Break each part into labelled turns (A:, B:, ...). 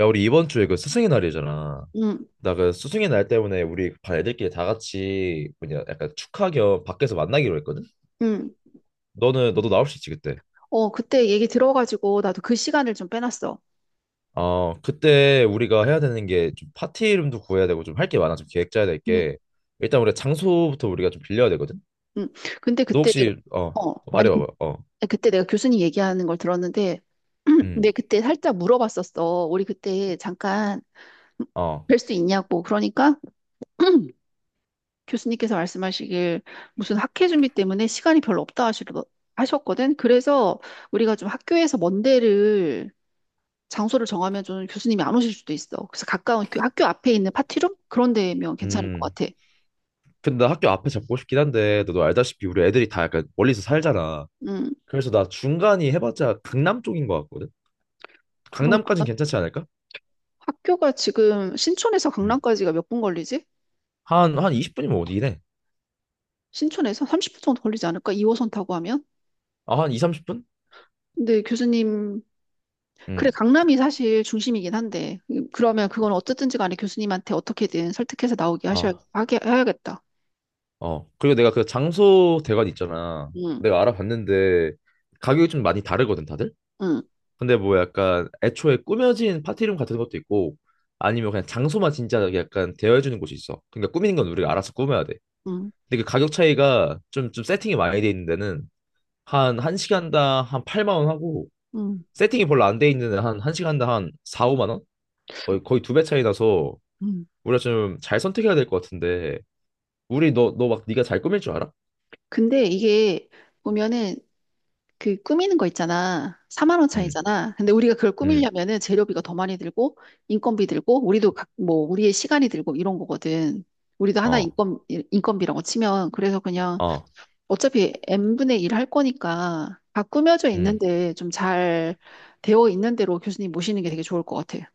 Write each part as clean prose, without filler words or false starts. A: 야, 우리 이번 주에 그 스승의 날이잖아.
B: 응.
A: 나 그 스승의 날 때문에 우리 반 애들끼리 다 같이 뭐냐 약간 축하 겸 밖에서 만나기로 했거든.
B: 응.
A: 너는 너도 나올 수 있지 그때.
B: 그때 얘기 들어가지고 나도 그 시간을 좀 빼놨어.
A: 어, 그때 우리가 해야 되는 게 좀 파티 이름도 구해야 되고 좀 할 게 많아. 좀 계획 짜야 될 게.
B: 응.
A: 일단 우리 가 장소부터 우리가 좀 빌려야 되거든.
B: 응. 근데
A: 너
B: 그때, 내가-
A: 혹시
B: 어, 아니,
A: 말해봐봐. 어.
B: 그때 내가 교수님 얘기하는 걸 들었는데, 근데
A: 음.
B: 그때 살짝 물어봤었어. 우리 그때 잠깐
A: 어.
B: 뵐 수 있냐고. 그러니까 교수님께서 말씀하시길 무슨 학회 준비 때문에 시간이 별로 없다 하셨거든. 그래서 우리가 좀 학교에서 먼 데를 장소를 정하면 좀 교수님이 안 오실 수도 있어. 그래서 가까운 그 학교 앞에 있는 파티룸? 그런 데면 괜찮을 것
A: 음.
B: 같아.
A: 근데 나 학교 앞에 잡고 싶긴 한데 너도 알다시피 우리 애들이 다 약간 멀리서 살잖아.
B: 음,
A: 그래서 나 중간이 해봤자 강남 쪽인 것 같거든.
B: 그런
A: 강남까진
B: 거다.
A: 괜찮지 않을까?
B: 학교가 지금 신촌에서 강남까지가 몇 분 걸리지?
A: 한 20분이면 어디래?
B: 신촌에서 30분 정도 걸리지 않을까? 2호선 타고 하면?
A: 아, 한 2, 30분?
B: 근데 교수님,
A: 응.
B: 그래, 강남이 사실 중심이긴 한데, 그러면 그건 어쨌든지 간에 교수님한테 어떻게든 설득해서 나오게
A: 아.
B: 해야겠다.
A: 어. 그리고 내가 그 장소 대관 있잖아.
B: 응.
A: 내가 알아봤는데 가격이 좀 많이 다르거든, 다들?
B: 응.
A: 근데 뭐 약간 애초에 꾸며진 파티룸 같은 것도 있고 아니면 그냥 장소만 진짜 약간 대여해주는 곳이 있어. 그러니까 꾸미는 건 우리가 알아서 꾸며야 돼.
B: 응.
A: 근데 그 가격 차이가 좀, 세팅이 많이 돼 있는 데는 한 1시간당 한 8만 원 하고
B: 응.
A: 세팅이 별로 안 돼 있는 데는 한 1시간당 한 4, 5만 원? 거의 두 배 차이 나서
B: 응.
A: 우리가 좀 잘 선택해야 될 것 같은데 우리 너 막 네가 잘 꾸밀 줄 알아?
B: 근데 이게 보면은 그 꾸미는 거 있잖아. 4만 원
A: 음,
B: 차이잖아. 근데 우리가 그걸
A: 음,
B: 꾸미려면은 재료비가 더 많이 들고 인건비 들고 우리도 뭐 우리의 시간이 들고 이런 거거든. 우리도 하나
A: 어,
B: 인건 인건비라고 치면 그래서 그냥
A: 어,
B: 어차피 n분의 1 할 거니까 다 꾸며져
A: 음,
B: 있는데 좀 잘 되어 있는 대로 교수님 모시는 게 되게 좋을 것 같아.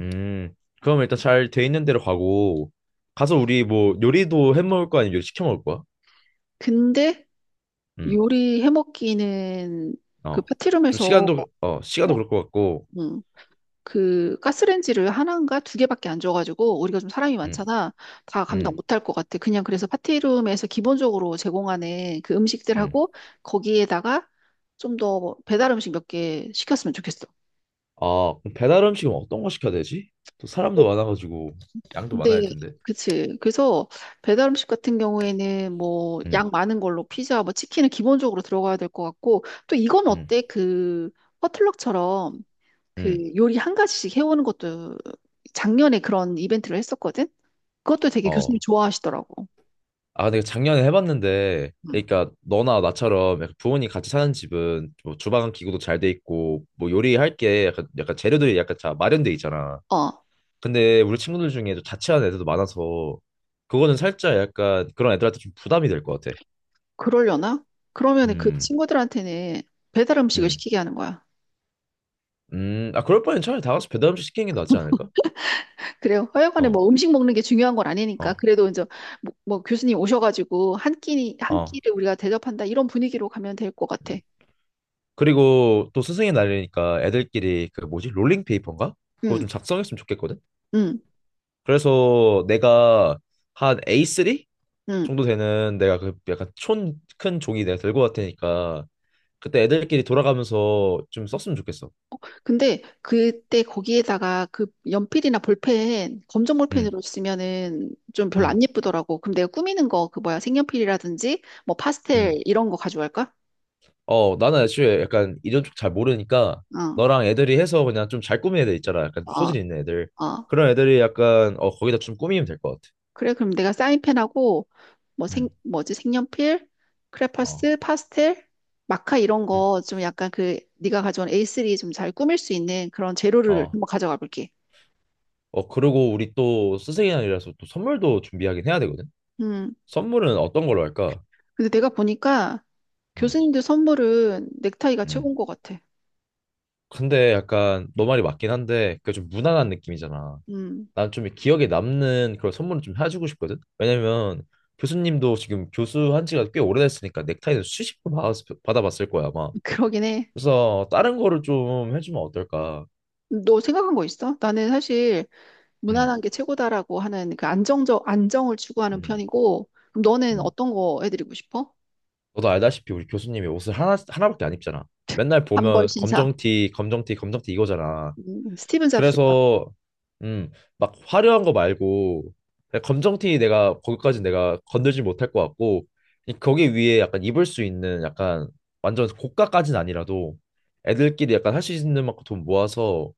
A: 음. 그럼 일단 잘 돼 있는 데로 가고, 가서 우리 뭐 요리도 해 먹을 거 아니면 요리 시켜 먹을 거야?
B: 근데
A: 음,
B: 요리 해먹기는 그
A: 어. 좀
B: 파티룸에서
A: 시간도
B: 어,
A: 그럴 것 같고.
B: 음, 그 가스레인지를 하나인가 두 개밖에 안 줘가지고 우리가 좀 사람이
A: 음,
B: 많잖아. 다 감당
A: 음,
B: 못할 것 같아. 그냥 그래서 파티룸에서 기본적으로 제공하는 그
A: 음.
B: 음식들하고 거기에다가 좀 더 배달 음식 몇 개 시켰으면 좋겠어.
A: 아, 그럼 배달 음식은 어떤 거 시켜야 되지? 또 사람도 많아가지고 양도 많아야 할
B: 근데
A: 텐데.
B: 그치. 그래서 배달 음식 같은 경우에는 뭐
A: 음,
B: 양 많은 걸로 피자, 뭐 치킨은 기본적으로 들어가야 될 것 같고 또 이건
A: 음,
B: 어때? 그 퍼틀럭처럼
A: 음,
B: 그 요리 한 가지씩 해오는 것도 작년에 그런 이벤트를 했었거든. 그것도 되게 교수님
A: 어.
B: 좋아하시더라고.
A: 아, 내가 작년에 해봤는데,
B: 음.
A: 그러니까 너나 나처럼 약간 부모님 같이 사는 집은 뭐 주방 기구도 잘 돼 있고, 뭐 요리할 게 약간, 재료들이 약간 다 마련돼 있잖아.
B: 어,
A: 근데 우리 친구들 중에 좀 자취하는 애들도 많아서, 그거는 살짝 약간 그런 애들한테 좀 부담이 될 것 같아.
B: 그러려나? 그러면 그
A: 음,
B: 친구들한테는 배달 음식을
A: 음,
B: 시키게 하는 거야.
A: 아, 그럴 바엔 차라리 다 같이 배달 음식 시키는 게 낫지 않을까?
B: 그래요. 하여간에
A: 어,
B: 뭐 음식 먹는 게 중요한 건 아니니까.
A: 어,
B: 그래도 이제 뭐 교수님 오셔가지고 한
A: 어.
B: 끼를 우리가 대접한다. 이런 분위기로 가면 될 것
A: 음.
B: 같아.
A: 그리고 또 스승의 날이니까 애들끼리 그 뭐지? 롤링페이퍼인가? 그거
B: 응.
A: 좀 작성했으면 좋겠거든?
B: 응.
A: 그래서 내가 한 A3
B: 응.
A: 정도 되는 내가 그 약간 촌큰 종이 내가 들고 갈 테니까 그때 애들끼리 돌아가면서 좀 썼으면 좋겠어.
B: 근데 그때 거기에다가 그 연필이나 볼펜, 검정
A: 응,
B: 볼펜으로 쓰면은 좀 별로
A: 응,
B: 안 예쁘더라고. 그럼 내가 꾸미는 거, 그 뭐야, 색연필이라든지 뭐
A: 응.
B: 파스텔 이런 거 가져갈까?
A: 어, 나는 애초에 약간 이런 쪽 잘 모르니까
B: 어.
A: 너랑 애들이 해서 그냥 좀 잘 꾸민 애들 있잖아. 약간
B: 어.
A: 소질 있는 애들.
B: 어.
A: 그런 애들이 약간 거기다 좀 꾸미면 될 것 같아.
B: 그래, 그럼 내가 사인펜하고,
A: 응,
B: 뭐지, 색연필,
A: 어,
B: 크레파스, 파스텔, 마카 이런
A: 응,
B: 거 좀 약간 그, 네가 가져온 A3 좀 잘 꾸밀 수 있는 그런 재료를
A: 어.
B: 한번 가져가 볼게.
A: 어, 그리고 우리 또 스승의 날이라서 또 선물도 준비하긴 해야 되거든.
B: 음,
A: 선물은 어떤 걸로 할까?
B: 근데 내가 보니까
A: 음,
B: 교수님들 선물은 넥타이가
A: 음.
B: 최고인 것 같아.
A: 근데 약간 너 말이 맞긴 한데 그 좀 무난한 느낌이잖아.
B: 음,
A: 난 좀 기억에 남는 그런 선물을 좀 해주고 싶거든. 왜냐면 교수님도 지금 교수한 지가 꽤 오래됐으니까 넥타이는 수십 번 받아봤을 거야 아마.
B: 그러긴 해.
A: 그래서 다른 거를 좀 해주면 어떨까?
B: 너 생각한 거 있어? 나는 사실
A: 음,
B: 무난한 게 최고다라고 하는 그 안정을 추구하는
A: 음,
B: 편이고, 그럼 너는
A: 음.
B: 어떤 거 해드리고 싶어?
A: 너도 알다시피 우리 교수님이 옷을 하나밖에 안 입잖아. 맨날
B: 단벌
A: 보면
B: 신사.
A: 검정티, 검정티, 검정티 이거잖아.
B: 스티븐 잡스다.
A: 그래서 음, 막 화려한 거 말고 그냥 검정티 내가 거기까지 내가 건들지 못할 것 같고 거기 위에 약간 입을 수 있는 약간 완전 고가까지는 아니라도 애들끼리 약간 할 수 있는 만큼 돈 모아서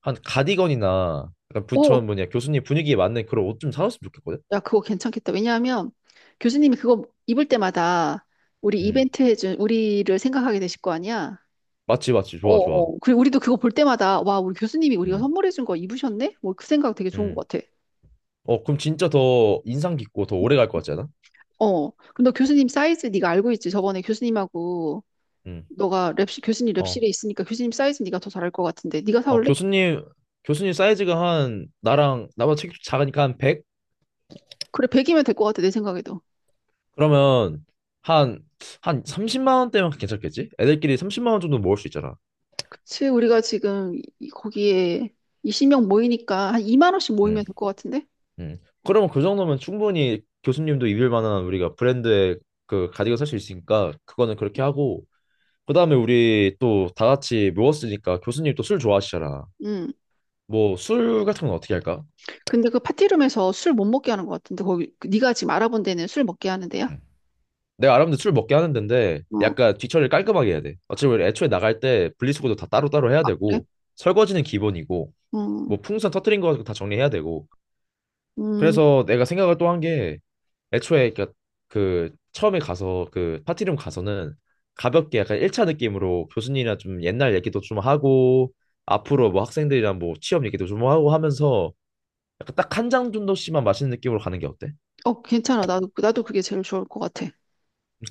A: 한 가디건이나 약간 부처
B: 오,
A: 뭐냐 교수님 분위기에 맞는 그런 옷 좀 사놨으면 좋겠거든.
B: 야, 그거 괜찮겠다. 왜냐하면 교수님이 그거 입을 때마다 우리
A: 음.
B: 이벤트 해준 우리를 생각하게 되실 거 아니야?
A: 맞지, 맞지,
B: 어.
A: 좋아, 좋아.
B: 어. 그리고 우리도 그거 볼 때마다 와, 우리 교수님이 우리가
A: 음.
B: 선물해준 거 입으셨네? 뭐 그 생각 되게 좋은
A: 음.
B: 것 같아.
A: 어, 그럼 진짜 더 인상 깊고 더 오래 갈 것 같지 않아?
B: 어. 근데 너 교수님 사이즈 네가 알고 있지? 저번에 교수님하고
A: 음.
B: 너가 랩실 교수님 랩실에
A: 어.
B: 있으니까 교수님 사이즈 네가 더 잘 알 것 같은데 네가
A: 어,
B: 사올래?
A: 교수님 사이즈가 한, 나보다 책 작으니까 한 100?
B: 그래, 100이면 될 것 같아 내 생각에도.
A: 그러면, 한, 한 30만 원대면 괜찮겠지? 애들끼리 30만 원 정도 모을 수 있잖아.
B: 그치? 우리가 지금 거기에 20명 모이니까 한 2만 원씩 모이면
A: 음,
B: 될 것 같은데?
A: 음. 그러면 그 정도면 충분히 교수님도 입을 만한 우리가 브랜드의 그 가디건 살 수 있으니까, 그거는 그렇게 하고, 그 다음에 우리 또 다 같이 모였으니까 교수님 또 술 좋아하시잖아.
B: 응.
A: 뭐, 술 같은 건 어떻게 할까?
B: 근데 그 파티룸에서 술 못 먹게 하는 것 같은데 거기 그 네가 지금 알아본 데는 술 먹게 하는데요?
A: 내가 아랍인데 술 먹게 하는 데인데
B: 어,
A: 약간 뒤처리를 깔끔하게 해야 돼. 어차피 우리 애초에 나갈 때 분리수거도 다 따로따로 해야
B: 아, 그래?
A: 되고 설거지는 기본이고
B: 음,
A: 뭐 풍선 터트린 거 가지고 다 정리해야 되고
B: 음,
A: 그래서 내가 생각을 또 한 게 애초에 그니까그 처음에 가서 그 파티룸 가서는 가볍게 약간 1차 느낌으로 교수님이랑 좀 옛날 얘기도 좀 하고 앞으로 뭐 학생들이랑 뭐 취업 얘기도 좀 하고 하면서 약간 딱 한 장 정도씩만 마시는 느낌으로 가는 게 어때?
B: 어, 괜찮아. 나도 그게 제일 좋을 것 같아.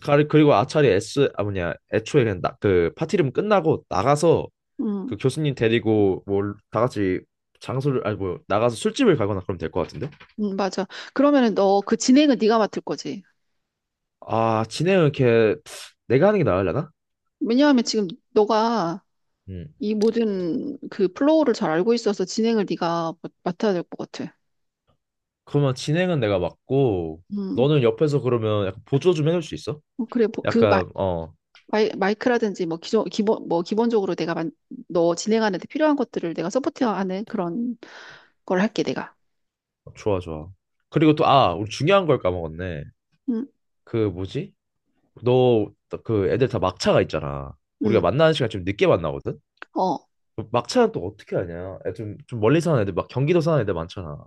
A: 그리고 아차리 S 아 뭐냐 애초에 그냥 나, 그 파티룸 끝나고 나가서
B: 음,
A: 그 교수님 데리고 뭐 다 같이 장소를 아니 뭐 나가서 술집을 가거나 그러면 될 것 같은데.
B: 맞아. 그러면은 너 그 진행은 네가 맡을 거지.
A: 아, 진행은 이렇게 내가 하는 게 나으려나?
B: 왜냐하면 지금 너가
A: 음.
B: 이 모든 그 플로우를 잘 알고 있어서 진행을 네가 맡아야 될 것 같아.
A: 그러면 진행은 내가 맡고
B: 음,
A: 너는 옆에서 그러면 약간 보조 좀 해줄 수 있어?
B: 그래. 뭐, 그
A: 약간
B: 마이크라든지 뭐 기본적으로 너 진행하는 데 필요한 것들을 내가 서포트하는 그런 걸 할게 내가.
A: 좋아, 좋아. 그리고 또 아, 우리 중요한 걸 까먹었네.
B: 음.
A: 그 뭐지? 너 그 애들 다 막차가 있잖아. 우리가
B: 음,
A: 만나는 시간 좀 늦게 만나거든?
B: 어,
A: 그 막차는 또 어떻게 하냐? 애 좀, 좀 멀리 사는 애들, 막 경기도 사는 애들 많잖아.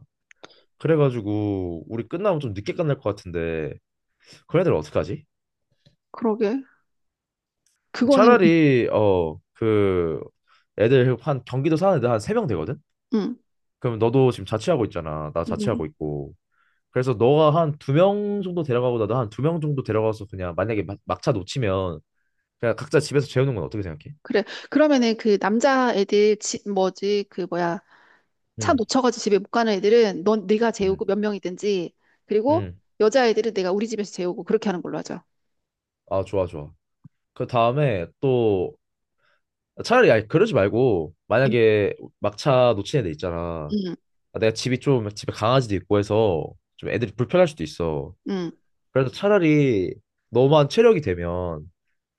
A: 그래가지고 우리 끝나면 좀 늦게 끝날 것 같은데 그런 애들 어떡하지?
B: 그러게. 그거는,
A: 차라리 그 애들 한, 경기도 사는 애들 한 세 명 되거든?
B: 음,
A: 그럼 너도 지금 자취하고 있잖아. 나
B: 음,
A: 자취하고 있고. 그래서 너가 한 두 명 정도 데려가고 나도 한 두 명 정도 데려가서 그냥 만약에 막차 놓치면 그냥 각자 집에서 재우는 건 어떻게 생각해?
B: 그래. 그러면은 그 남자 애들, 집 뭐지, 그 뭐야, 차
A: 응,
B: 놓쳐가지고 집에 못 가는 애들은 넌 네가
A: 응,
B: 재우고 몇 명이든지, 그리고
A: 응.
B: 여자 애들은 내가 우리 집에서 재우고 그렇게 하는 걸로 하자.
A: 아, 좋아, 좋아. 그 다음에 또 차라리 아니, 그러지 말고
B: 음.
A: 만약에 막차 놓친 애들 있잖아.
B: 음.
A: 아, 내가 집이 좀 집에 강아지도 있고 해서 좀 애들이 불편할 수도 있어.
B: 음.
A: 그래서 차라리 너만 체력이 되면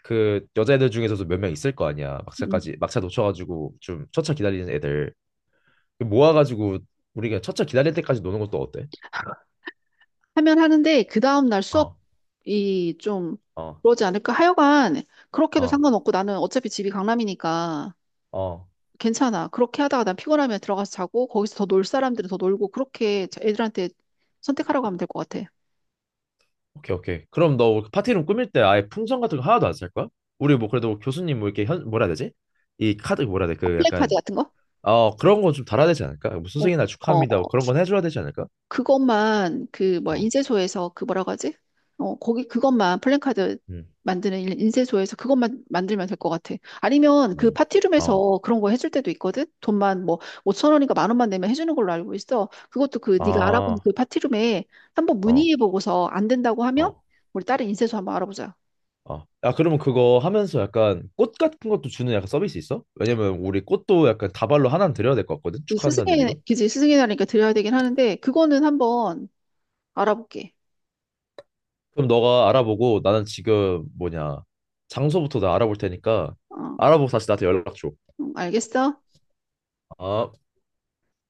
A: 그 여자애들 중에서도 몇 명 있을 거 아니야.
B: 음.
A: 막차까지 막차 놓쳐가지고 좀 첫차 기다리는 애들 그 모아가지고 우리가 첫차 기다릴 때까지 노는 것도 어때?
B: 하면 하는데 그 다음 날
A: 어,
B: 수업이 좀
A: 어,
B: 그러지 않을까? 하여간 그렇게도
A: 어,
B: 상관없고 나는 어차피 집이 강남이니까.
A: 어.
B: 괜찮아. 그렇게 하다가 난 피곤하면 들어가서 자고 거기서 더 놀 사람들은 더 놀고 그렇게 애들한테 선택하라고 하면 될 것 같아.
A: 오케이, 오케이. 그럼 너 그 파티룸 꾸밀 때 아예 풍선 같은 거 하나도 안 쓸 거야? 우리 뭐 그래도 교수님 뭐 이렇게 뭐라 해야 되지? 이 카드 뭐라 해야 돼? 그 약간
B: 플랜카드 같은 거?
A: 어, 그런 거 좀 달아야 되지 않을까? 뭐
B: 어.
A: 스승의 날
B: 어.
A: 축하합니다. 뭐 그런 건 해줘야 되지 않을까?
B: 그것만 그 뭐야
A: 어,
B: 인쇄소에서 그 뭐라고 하지? 어. 거기 그것만 플랜카드
A: 음,
B: 만드는 인쇄소에서 그것만 만들면 될 것 같아. 아니면 그
A: 음, 어,
B: 파티룸에서 그런 거 해줄 때도 있거든. 돈만 뭐 5천 원인가 만 원만 내면 해주는 걸로 알고 있어. 그것도 그 네가 알아본
A: 아,
B: 그 파티룸에 한번
A: 어,
B: 문의해보고서 안 된다고 하면
A: 어,
B: 우리 다른 인쇄소 한번 알아보자.
A: 어. 야, 그러면 그거 하면서 약간 꽃 같은 것도 주는 약간 서비스 있어? 왜냐면 우리 꽃도 약간 다발로 하나는 드려야 될 것 같거든? 축하한다는 의미로.
B: 그지, 스승의 날이니까 드려야 되긴 하는데, 그거는 한번 알아볼게.
A: 그럼 너가 알아보고 나는 지금 뭐냐, 장소부터 나 알아볼 테니까
B: 어,
A: 알아보고 다시 나한테 연락 줘.
B: 알겠어?
A: 아.